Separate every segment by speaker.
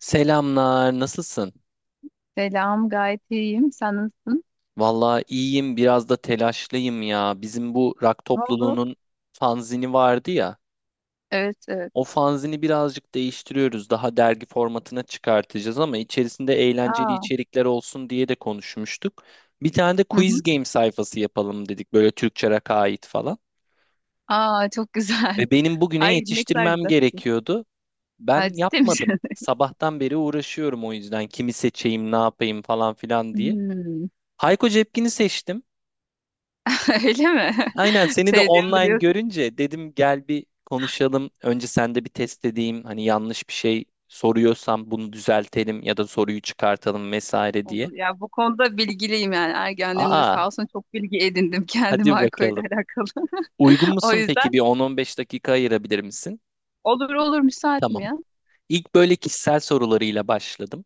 Speaker 1: Selamlar, nasılsın?
Speaker 2: Selam, gayet iyiyim. Sen nasılsın?
Speaker 1: Vallahi iyiyim, biraz da telaşlıyım ya. Bizim bu rock
Speaker 2: Ne oldu?
Speaker 1: topluluğunun fanzini vardı ya.
Speaker 2: Evet, evet.
Speaker 1: O fanzini birazcık değiştiriyoruz. Daha dergi formatına çıkartacağız ama içerisinde eğlenceli
Speaker 2: Aa,
Speaker 1: içerikler olsun diye de konuşmuştuk. Bir tane de
Speaker 2: hı
Speaker 1: quiz
Speaker 2: hı.
Speaker 1: game sayfası yapalım dedik. Böyle Türkçe rock'a ait falan.
Speaker 2: Aa, çok güzel.
Speaker 1: Ve benim bugüne
Speaker 2: Ay ne kadar
Speaker 1: yetiştirmem
Speaker 2: güzel peki.
Speaker 1: gerekiyordu. Ben
Speaker 2: Ha, ciddi
Speaker 1: yapmadım.
Speaker 2: misin?
Speaker 1: Sabahtan beri uğraşıyorum o yüzden kimi seçeyim, ne yapayım falan filan diye.
Speaker 2: Hmm,
Speaker 1: Hayko Cepkin'i seçtim.
Speaker 2: öyle mi?
Speaker 1: Aynen seni de
Speaker 2: Sevdiğimi
Speaker 1: online
Speaker 2: biliyorsun.
Speaker 1: görünce dedim gel bir konuşalım. Önce sen de bir test edeyim. Hani yanlış bir şey soruyorsam bunu düzeltelim ya da soruyu çıkartalım vesaire diye.
Speaker 2: Olur. Ya bu konuda bilgiliyim yani. Ergenliğimde
Speaker 1: Aa,
Speaker 2: sağ olsun çok bilgi edindim kendim
Speaker 1: hadi
Speaker 2: alkolle
Speaker 1: bakalım.
Speaker 2: alakalı.
Speaker 1: Uygun
Speaker 2: O
Speaker 1: musun peki?
Speaker 2: yüzden
Speaker 1: Bir 10-15 dakika ayırabilir misin?
Speaker 2: olur olur, müsaitim
Speaker 1: Tamam.
Speaker 2: ya.
Speaker 1: İlk böyle kişisel sorularıyla başladım.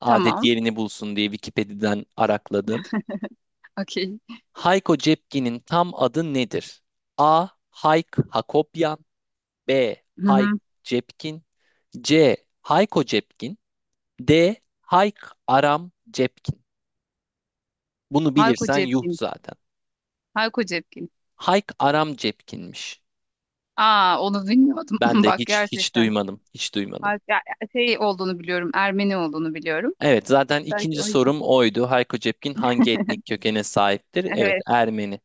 Speaker 1: Adet
Speaker 2: Tamam.
Speaker 1: yerini bulsun diye Wikipedia'dan arakladım.
Speaker 2: Okey.
Speaker 1: Hayko Cepkin'in tam adı nedir? A. Hayk Hakopyan, B.
Speaker 2: Hı
Speaker 1: Hayk
Speaker 2: hı.
Speaker 1: Cepkin, C. Hayko Cepkin, D. Hayk Aram Cepkin. Bunu
Speaker 2: Hayko
Speaker 1: bilirsen yuh
Speaker 2: Cepkin.
Speaker 1: zaten.
Speaker 2: Hayko Cepkin.
Speaker 1: Hayk Aram Cepkin'miş.
Speaker 2: Aa onu bilmiyordum.
Speaker 1: Ben de
Speaker 2: Bak
Speaker 1: hiç
Speaker 2: gerçekten.
Speaker 1: duymadım. Hiç
Speaker 2: Ha-
Speaker 1: duymadım.
Speaker 2: ya- ya- şey olduğunu biliyorum, Ermeni olduğunu biliyorum.
Speaker 1: Evet zaten
Speaker 2: Belki
Speaker 1: ikinci
Speaker 2: o yüzden.
Speaker 1: sorum oydu. Hayko Cepkin hangi etnik kökene sahiptir? Evet,
Speaker 2: Evet,
Speaker 1: Ermeni.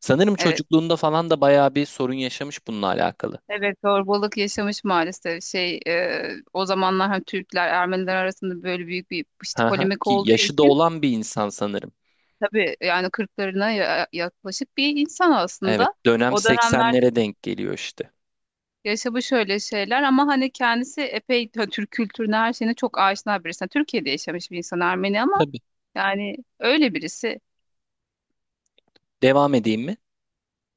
Speaker 1: Sanırım
Speaker 2: evet.
Speaker 1: çocukluğunda falan da bayağı bir sorun yaşamış bununla alakalı.
Speaker 2: Evet, zorbalık yaşamış maalesef. O zamanlar hem Türkler, Ermeniler arasında böyle büyük bir işte
Speaker 1: Hı hı.
Speaker 2: polemik
Speaker 1: Ki
Speaker 2: olduğu
Speaker 1: yaşı da
Speaker 2: için
Speaker 1: olan bir insan sanırım.
Speaker 2: tabii yani kırklarına yaklaşık bir insan
Speaker 1: Evet,
Speaker 2: aslında.
Speaker 1: dönem
Speaker 2: O dönemlerde
Speaker 1: 80'lere denk geliyor işte.
Speaker 2: yaşamış şöyle şeyler ama hani kendisi epey Türk kültürüne her şeyine çok aşina birisi. Yani Türkiye'de yaşamış bir insan, Ermeni ama
Speaker 1: Tabii.
Speaker 2: yani öyle birisi.
Speaker 1: Devam edeyim mi?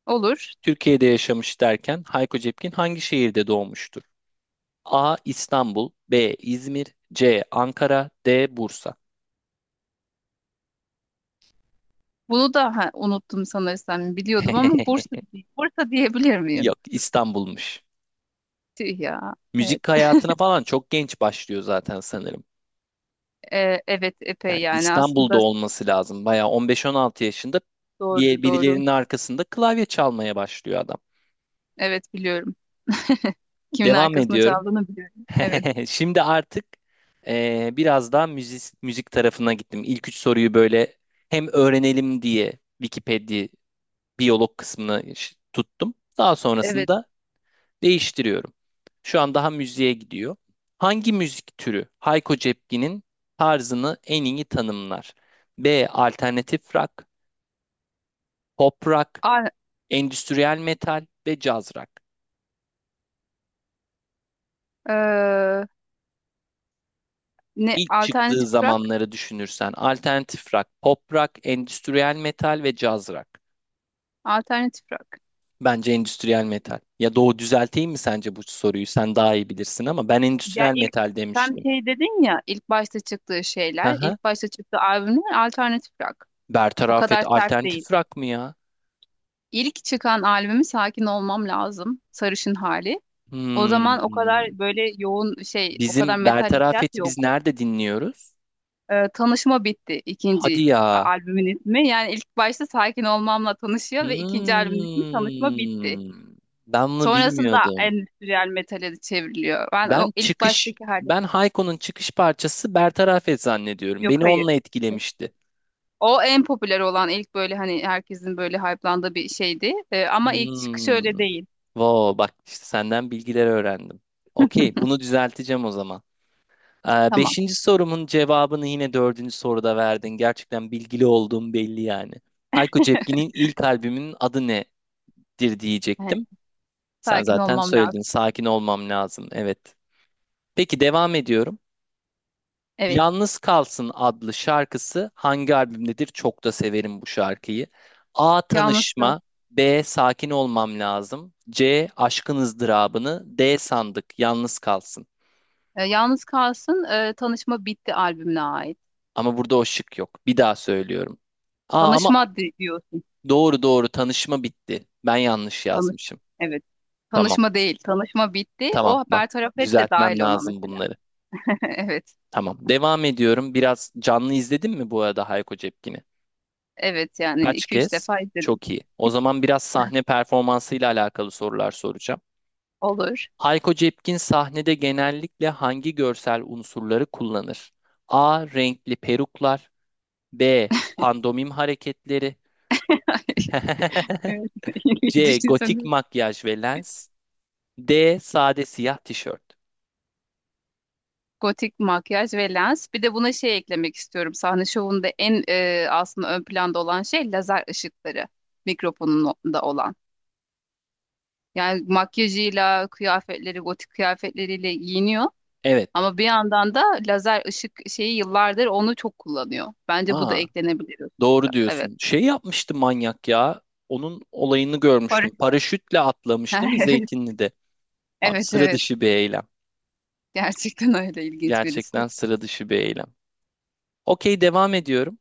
Speaker 2: Olur.
Speaker 1: Türkiye'de yaşamış derken Hayko Cepkin hangi şehirde doğmuştur? A. İstanbul, B. İzmir, C. Ankara, D. Bursa.
Speaker 2: Bunu da ha, unuttum sanırsam biliyordum ama Bursa. Bursa diyebilir miyim?
Speaker 1: Yok, İstanbul'muş.
Speaker 2: Tüh ya. Evet.
Speaker 1: Müzik hayatına falan çok genç başlıyor zaten sanırım.
Speaker 2: Evet
Speaker 1: Yani
Speaker 2: epey yani
Speaker 1: İstanbul'da
Speaker 2: aslında
Speaker 1: olması lazım. Bayağı 15-16 yaşında
Speaker 2: doğru doğru.
Speaker 1: birilerinin arkasında klavye çalmaya başlıyor adam.
Speaker 2: Evet biliyorum. Kimin
Speaker 1: Devam
Speaker 2: arkasında
Speaker 1: ediyorum.
Speaker 2: çaldığını biliyorum. Evet.
Speaker 1: Şimdi artık biraz daha müzik tarafına gittim. İlk üç soruyu böyle hem öğrenelim diye Wikipedia biyolog kısmını tuttum. Daha
Speaker 2: Evet.
Speaker 1: sonrasında değiştiriyorum. Şu an daha müziğe gidiyor. Hangi müzik türü Hayko Cepkin'in tarzını en iyi tanımlar? B. Alternatif rock, pop rock,
Speaker 2: A-
Speaker 1: endüstriyel metal ve caz rock.
Speaker 2: e, Ne
Speaker 1: İlk çıktığı
Speaker 2: alternatif rock?
Speaker 1: zamanları düşünürsen alternatif rock, pop rock, endüstriyel metal ve caz rock.
Speaker 2: Alternatif rock.
Speaker 1: Bence endüstriyel metal. Ya Doğu, düzelteyim mi sence bu soruyu? Sen daha iyi bilirsin ama ben
Speaker 2: Ya
Speaker 1: endüstriyel
Speaker 2: ilk
Speaker 1: metal
Speaker 2: sen
Speaker 1: demiştim.
Speaker 2: şey dedin ya, ilk başta çıktığı
Speaker 1: Hı
Speaker 2: şeyler,
Speaker 1: hı.
Speaker 2: ilk başta çıktığı albümler alternatif rock. O
Speaker 1: Bertaraf et
Speaker 2: kadar sert değil.
Speaker 1: alternatif rock mı ya?
Speaker 2: İlk çıkan albümü Sakin Olmam Lazım, Sarışın Hali. O zaman o
Speaker 1: Hmm.
Speaker 2: kadar böyle yoğun şey, o kadar
Speaker 1: Bizim
Speaker 2: metal hissiyat
Speaker 1: Bertarafet'i biz
Speaker 2: yok.
Speaker 1: nerede dinliyoruz?
Speaker 2: Tanışma Bitti ikinci
Speaker 1: Hadi ya.
Speaker 2: albümün ismi. Yani ilk başta Sakin Olmam'la tanışıyor ve ikinci albümün ismi Tanışma Bitti.
Speaker 1: Hmm. Ben bunu
Speaker 2: Sonrasında
Speaker 1: bilmiyordum.
Speaker 2: endüstriyel metale de çevriliyor. Ben o
Speaker 1: Ben
Speaker 2: ilk
Speaker 1: çıkış,
Speaker 2: baştaki hali.
Speaker 1: ben Hayko'nun çıkış parçası Bertarafet zannediyorum.
Speaker 2: Yok,
Speaker 1: Beni
Speaker 2: hayır.
Speaker 1: onunla etkilemişti.
Speaker 2: O en popüler olan ilk böyle hani herkesin böyle hype'landığı bir şeydi. Ama ilk çıkış
Speaker 1: Hmm.
Speaker 2: öyle değil.
Speaker 1: Wow, bak işte senden bilgiler öğrendim. Okey, bunu düzelteceğim o zaman.
Speaker 2: Tamam.
Speaker 1: Beşinci sorumun cevabını yine dördüncü soruda verdin. Gerçekten bilgili olduğum belli yani. Hayko Cepkin'in ilk albümünün adı nedir
Speaker 2: Yani
Speaker 1: diyecektim. Sen
Speaker 2: sakin
Speaker 1: zaten
Speaker 2: olmam
Speaker 1: söyledin.
Speaker 2: lazım.
Speaker 1: Sakin olmam lazım. Evet. Peki, devam ediyorum.
Speaker 2: Evet.
Speaker 1: Yalnız Kalsın adlı şarkısı hangi albümdedir? Çok da severim bu şarkıyı. A.
Speaker 2: Yalnız kalsın.
Speaker 1: Tanışma, B. Sakin olmam lazım, C. Aşkın ızdırabını, D. Sandık Yalnız Kalsın.
Speaker 2: Yalnız kalsın. Tanışma Bitti albümüne ait.
Speaker 1: Ama burada o şık yok. Bir daha söylüyorum. Aa, ama
Speaker 2: Diyorsun.
Speaker 1: doğru doğru, tanışma bitti. Ben yanlış
Speaker 2: Tanış.
Speaker 1: yazmışım.
Speaker 2: Evet.
Speaker 1: Tamam.
Speaker 2: Tanışma değil. Tanışma Bitti.
Speaker 1: Tamam,
Speaker 2: O
Speaker 1: bak
Speaker 2: Bertaraf Et de
Speaker 1: düzeltmem
Speaker 2: dahil ona
Speaker 1: lazım
Speaker 2: mesela.
Speaker 1: bunları.
Speaker 2: Evet.
Speaker 1: Tamam. Devam ediyorum. Biraz canlı izledin mi bu arada Hayko Cepkin'i?
Speaker 2: Evet yani
Speaker 1: Kaç
Speaker 2: iki üç
Speaker 1: kez?
Speaker 2: defa izledim.
Speaker 1: Çok iyi. O zaman biraz sahne performansıyla alakalı sorular soracağım.
Speaker 2: Olur.
Speaker 1: Hayko Cepkin sahnede genellikle hangi görsel unsurları kullanır? A. Renkli peruklar. B. Pandomim hareketleri.
Speaker 2: Evet.
Speaker 1: C. Gotik
Speaker 2: Düşünsene.
Speaker 1: makyaj ve lens. D. Sade siyah tişört.
Speaker 2: Gotik makyaj ve lens. Bir de buna şey eklemek istiyorum. Sahne şovunda aslında ön planda olan şey lazer ışıkları. Mikrofonunda olan. Yani makyajıyla, kıyafetleri, gotik kıyafetleriyle giyiniyor.
Speaker 1: Evet.
Speaker 2: Ama bir yandan da lazer ışık şeyi yıllardır onu çok kullanıyor. Bence bu da
Speaker 1: Aa,
Speaker 2: eklenebilir o
Speaker 1: doğru
Speaker 2: sırada. Evet.
Speaker 1: diyorsun. Şey yapmıştı manyak ya. Onun olayını görmüştüm.
Speaker 2: Barış.
Speaker 1: Paraşütle atlamış değil mi
Speaker 2: Evet.
Speaker 1: Zeytinli'de? Abi,
Speaker 2: Evet
Speaker 1: sıra
Speaker 2: evet.
Speaker 1: dışı bir eylem.
Speaker 2: Gerçekten öyle ilginç birisi.
Speaker 1: Gerçekten sıra dışı bir eylem. Okey, devam ediyorum.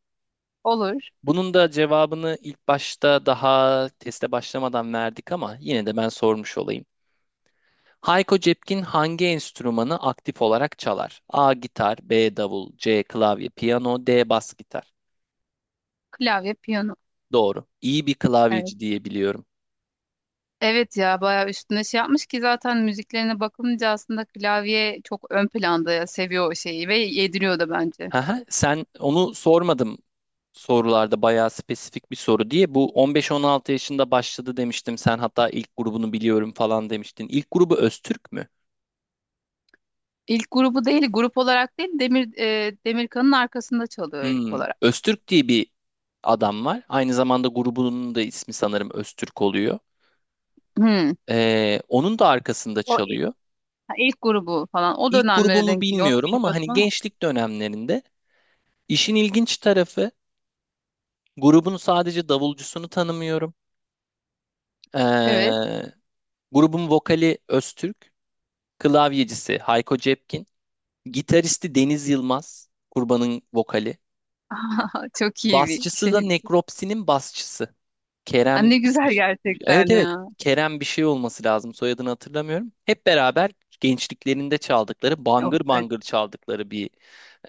Speaker 2: Olur.
Speaker 1: Bunun da cevabını ilk başta daha teste başlamadan verdik ama yine de ben sormuş olayım. Hayko Cepkin hangi enstrümanı aktif olarak çalar? A. Gitar, B. Davul, C. Klavye, piyano, D. Bas gitar.
Speaker 2: Klavye, piyano.
Speaker 1: Doğru. İyi bir
Speaker 2: Evet.
Speaker 1: klavyeci diye biliyorum.
Speaker 2: Evet ya, bayağı üstüne şey yapmış ki zaten müziklerine bakılınca aslında klavye çok ön planda ya, seviyor o şeyi ve yediriyor da bence.
Speaker 1: Haha, sen, onu sormadım sorularda bayağı spesifik bir soru diye. Bu 15-16 yaşında başladı demiştim. Sen hatta ilk grubunu biliyorum falan demiştin. İlk grubu Öztürk mü?
Speaker 2: İlk grubu değil, grup olarak değil, Demirkan'ın arkasında çalıyor ilk
Speaker 1: Hmm,
Speaker 2: olarak.
Speaker 1: Öztürk diye bir adam var. Aynı zamanda grubunun da ismi sanırım Öztürk oluyor.
Speaker 2: Hmm.
Speaker 1: Onun da arkasında
Speaker 2: O i-
Speaker 1: çalıyor.
Speaker 2: ha, ilk grubu falan o
Speaker 1: İlk
Speaker 2: dönemlere
Speaker 1: grubumu
Speaker 2: denk geliyor. Onu
Speaker 1: bilmiyorum ama
Speaker 2: bilmiyordum
Speaker 1: hani
Speaker 2: ama.
Speaker 1: gençlik dönemlerinde işin ilginç tarafı grubun sadece davulcusunu tanımıyorum.
Speaker 2: Evet.
Speaker 1: Ee, grubun vokali Öztürk, klavyecisi Hayko Cepkin, gitaristi Deniz Yılmaz, Kurban'ın vokali.
Speaker 2: Çok iyi bir
Speaker 1: Basçısı da
Speaker 2: şey.
Speaker 1: Nekropsi'nin basçısı.
Speaker 2: Ha,
Speaker 1: Kerem,
Speaker 2: ne güzel
Speaker 1: evet
Speaker 2: gerçekten
Speaker 1: evet,
Speaker 2: ya.
Speaker 1: Kerem bir şey olması lazım, soyadını hatırlamıyorum. Hep beraber gençliklerinde çaldıkları,
Speaker 2: Yok,
Speaker 1: bangır
Speaker 2: evet.
Speaker 1: bangır çaldıkları bir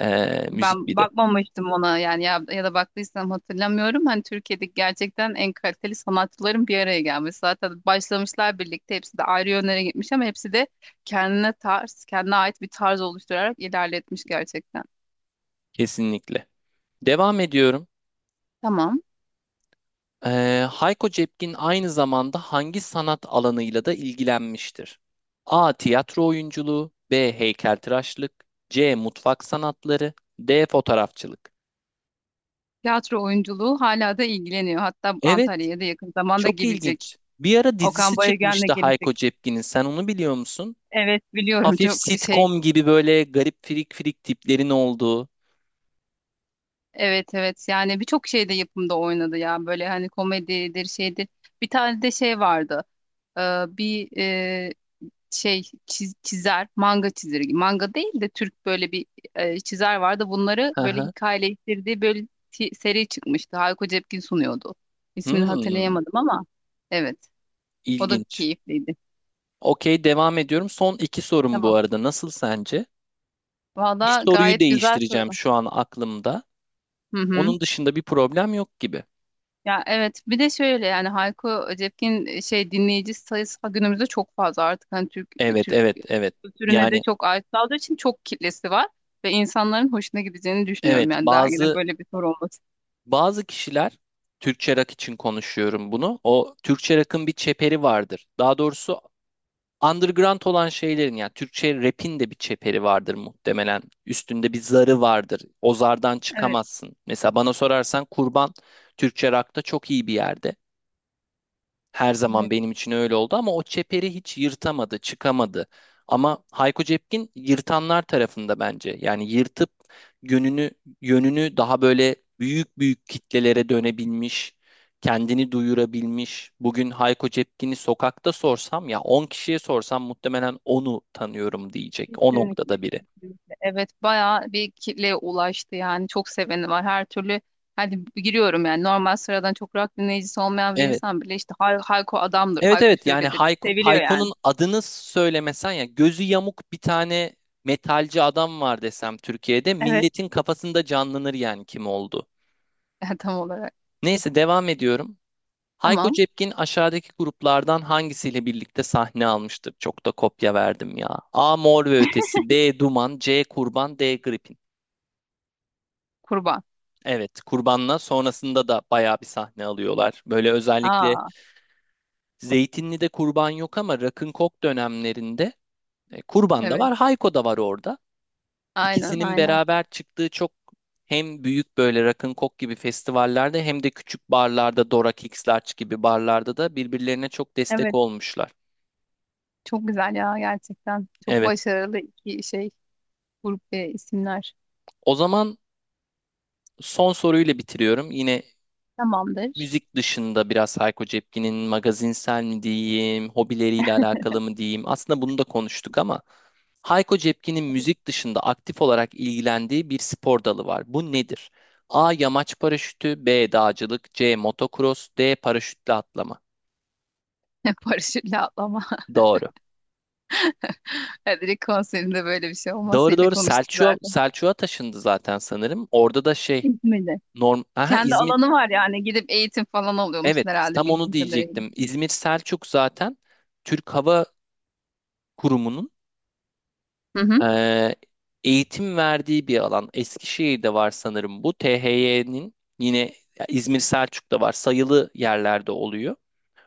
Speaker 1: müzik
Speaker 2: Ben
Speaker 1: bir de
Speaker 2: bakmamıştım ona yani ya, ya da baktıysam hatırlamıyorum. Hani Türkiye'deki gerçekten en kaliteli sanatçıların bir araya gelmesi. Zaten başlamışlar birlikte, hepsi de ayrı yönlere gitmiş ama hepsi de kendine tarz, kendine ait bir tarz oluşturarak ilerletmiş gerçekten.
Speaker 1: kesinlikle. Devam ediyorum.
Speaker 2: Tamam.
Speaker 1: E, Hayko Cepkin aynı zamanda hangi sanat alanıyla da ilgilenmiştir? A. Tiyatro oyunculuğu, B. Heykeltıraşlık, C. Mutfak sanatları, D. Fotoğrafçılık.
Speaker 2: Tiyatro oyunculuğu, hala da ilgileniyor. Hatta
Speaker 1: Evet,
Speaker 2: Antalya'ya da yakın zamanda
Speaker 1: çok
Speaker 2: gelecek.
Speaker 1: ilginç. Bir ara
Speaker 2: Okan
Speaker 1: dizisi
Speaker 2: Bayülgen'le
Speaker 1: çıkmıştı Hayko
Speaker 2: gelecek.
Speaker 1: Cepkin'in, sen onu biliyor musun?
Speaker 2: Evet biliyorum,
Speaker 1: Hafif
Speaker 2: çok şey.
Speaker 1: sitcom gibi böyle garip firik firik tiplerin olduğu.
Speaker 2: Evet evet, yani birçok şeyde, yapımda oynadı ya, böyle hani komedidir şeydir. Bir tane de şey vardı. Ee, bir e, şey çiz- Çizer, manga çizeri, manga değil de Türk böyle bir çizer vardı, bunları
Speaker 1: Hı
Speaker 2: böyle
Speaker 1: hı.
Speaker 2: hikayeleştirdiği böyle seri çıkmıştı, Hayko Cepkin sunuyordu. İsmini
Speaker 1: Hmm,
Speaker 2: hatırlayamadım ama evet, o da
Speaker 1: ilginç.
Speaker 2: keyifliydi.
Speaker 1: Okey, devam ediyorum. Son iki sorum bu
Speaker 2: Tamam.
Speaker 1: arada. Nasıl sence? Bir
Speaker 2: Valla
Speaker 1: soruyu
Speaker 2: gayet güzel
Speaker 1: değiştireceğim
Speaker 2: soru.
Speaker 1: şu an aklımda.
Speaker 2: Hı hı.
Speaker 1: Onun dışında bir problem yok gibi.
Speaker 2: Ya evet, bir de şöyle yani Hayko Cepkin şey dinleyici sayısı günümüzde çok fazla artık, hani Türk
Speaker 1: Evet,
Speaker 2: Türk
Speaker 1: evet, evet.
Speaker 2: kültürüne de
Speaker 1: Yani,
Speaker 2: çok ait olduğu için çok kitlesi var ve insanların hoşuna gideceğini düşünüyorum
Speaker 1: evet,
Speaker 2: yani dergide
Speaker 1: bazı
Speaker 2: böyle bir soru olması.
Speaker 1: bazı kişiler, Türkçe rock için konuşuyorum bunu. O Türkçe rock'ın bir çeperi vardır. Daha doğrusu underground olan şeylerin, yani Türkçe rap'in de bir çeperi vardır muhtemelen. Üstünde bir zarı vardır. O zardan
Speaker 2: Evet,
Speaker 1: çıkamazsın. Mesela bana sorarsan Kurban, Türkçe rock'ta çok iyi bir yerde. Her zaman
Speaker 2: evet,
Speaker 1: benim için öyle oldu ama o çeperi hiç yırtamadı, çıkamadı. Ama Hayko Cepkin yırtanlar tarafında bence. Yani yırtıp yönünü yönünü daha böyle büyük büyük kitlelere dönebilmiş, kendini duyurabilmiş. Bugün Hayko Cepkin'i sokakta sorsam, ya 10 kişiye sorsam, muhtemelen onu tanıyorum diyecek. O
Speaker 2: kesinlikle
Speaker 1: noktada biri.
Speaker 2: kesinlikle. Evet bayağı bir kitleye ulaştı yani, çok seveni var her türlü, hadi giriyorum yani, normal sıradan çok rock dinleyicisi olmayan bir
Speaker 1: Evet.
Speaker 2: insan bile işte Hayko adamdır,
Speaker 1: Evet
Speaker 2: Hayko
Speaker 1: evet, yani
Speaker 2: şöyledir,
Speaker 1: Hayko,
Speaker 2: seviliyor yani.
Speaker 1: Hayko'nun adını söylemesen, ya gözü yamuk bir tane metalci adam var desem Türkiye'de,
Speaker 2: Evet.
Speaker 1: milletin kafasında canlanır yani kim oldu.
Speaker 2: Tam olarak.
Speaker 1: Neyse, devam ediyorum. Hayko
Speaker 2: Tamam,
Speaker 1: Cepkin aşağıdaki gruplardan hangisiyle birlikte sahne almıştır? Çok da kopya verdim ya. A. Mor ve Ötesi, B. Duman, C. Kurban, D. Gripin.
Speaker 2: kurban.
Speaker 1: Evet, Kurban'la sonrasında da bayağı bir sahne alıyorlar. Böyle özellikle
Speaker 2: Aa.
Speaker 1: Zeytinli'de Kurban yok ama Rock'n'Coke dönemlerinde Kurban da
Speaker 2: Evet,
Speaker 1: var, Hayko da var orada.
Speaker 2: aynen
Speaker 1: İkisinin
Speaker 2: aynen.
Speaker 1: beraber çıktığı, çok hem büyük böyle rock'n'coke gibi festivallerde, hem de küçük barlarda, Dora Kicks Larch gibi barlarda da birbirlerine çok destek
Speaker 2: Evet,
Speaker 1: olmuşlar.
Speaker 2: çok güzel ya gerçekten. Çok
Speaker 1: Evet.
Speaker 2: başarılı iki şey, grup ve isimler.
Speaker 1: O zaman son soruyla bitiriyorum. Yine,
Speaker 2: Tamamdır.
Speaker 1: müzik dışında biraz Hayko Cepkin'in magazinsel mi diyeyim, hobileriyle alakalı mı diyeyim. Aslında bunu da konuştuk ama Hayko Cepkin'in müzik dışında aktif olarak ilgilendiği bir spor dalı var. Bu nedir? A. Yamaç paraşütü, B. Dağcılık, C. Motocross, D. Paraşütle atlama.
Speaker 2: Paraşütle atlama.
Speaker 1: Doğru.
Speaker 2: Direkt konserinde böyle bir şey
Speaker 1: Doğru
Speaker 2: olmasıyla
Speaker 1: doğru,
Speaker 2: konuştuk
Speaker 1: Selçuk'a
Speaker 2: zaten.
Speaker 1: Selçuk'a taşındı zaten sanırım. Orada da şey,
Speaker 2: İzmir'de.
Speaker 1: norm aha,
Speaker 2: Kendi
Speaker 1: İzmir,
Speaker 2: alanı var yani. Gidip eğitim falan
Speaker 1: evet,
Speaker 2: alıyormuşsun herhalde
Speaker 1: tam onu
Speaker 2: bildiğim kadarıyla.
Speaker 1: diyecektim. İzmir Selçuk zaten Türk Hava Kurumu'nun
Speaker 2: Hı hı.
Speaker 1: Ee, eğitim verdiği bir alan. Eskişehir'de var sanırım bu. THY'nin yine, ya, İzmir Selçuk'ta var. Sayılı yerlerde oluyor.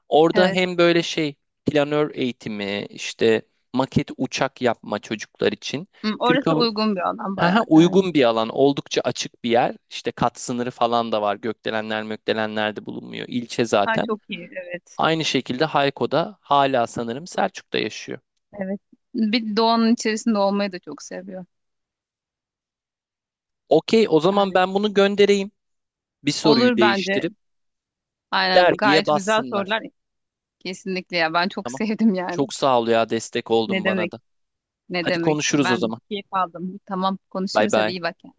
Speaker 1: Orada
Speaker 2: Evet.
Speaker 1: hem böyle şey planör eğitimi, işte maket uçak yapma çocuklar için.
Speaker 2: Hı,
Speaker 1: Türk
Speaker 2: orası
Speaker 1: Hava
Speaker 2: uygun bir alan
Speaker 1: Haha,
Speaker 2: bayağı yani.
Speaker 1: uygun bir alan, oldukça açık bir yer. İşte kat sınırı falan da var. Gökdelenler, mökdelenler de bulunmuyor. İlçe
Speaker 2: Ha,
Speaker 1: zaten.
Speaker 2: çok iyi. Evet.
Speaker 1: Aynı şekilde Hayko'da hala sanırım Selçuk'ta yaşıyor.
Speaker 2: Evet. Bir doğanın içerisinde olmayı da çok seviyor.
Speaker 1: Okey, o zaman
Speaker 2: Yani
Speaker 1: ben bunu göndereyim. Bir soruyu
Speaker 2: olur bence.
Speaker 1: değiştirip.
Speaker 2: Aynen,
Speaker 1: Dergiye
Speaker 2: gayet güzel
Speaker 1: bassınlar.
Speaker 2: sorular. Kesinlikle ya, ben çok
Speaker 1: Tamam.
Speaker 2: sevdim yani.
Speaker 1: Çok sağ ol ya, destek
Speaker 2: Ne
Speaker 1: oldun bana
Speaker 2: demek?
Speaker 1: da.
Speaker 2: Ne
Speaker 1: Hadi
Speaker 2: demek?
Speaker 1: konuşuruz o
Speaker 2: Ben
Speaker 1: zaman.
Speaker 2: keyif aldım. Tamam,
Speaker 1: Bay
Speaker 2: konuşuruz hadi,
Speaker 1: bay.
Speaker 2: iyi bak yani.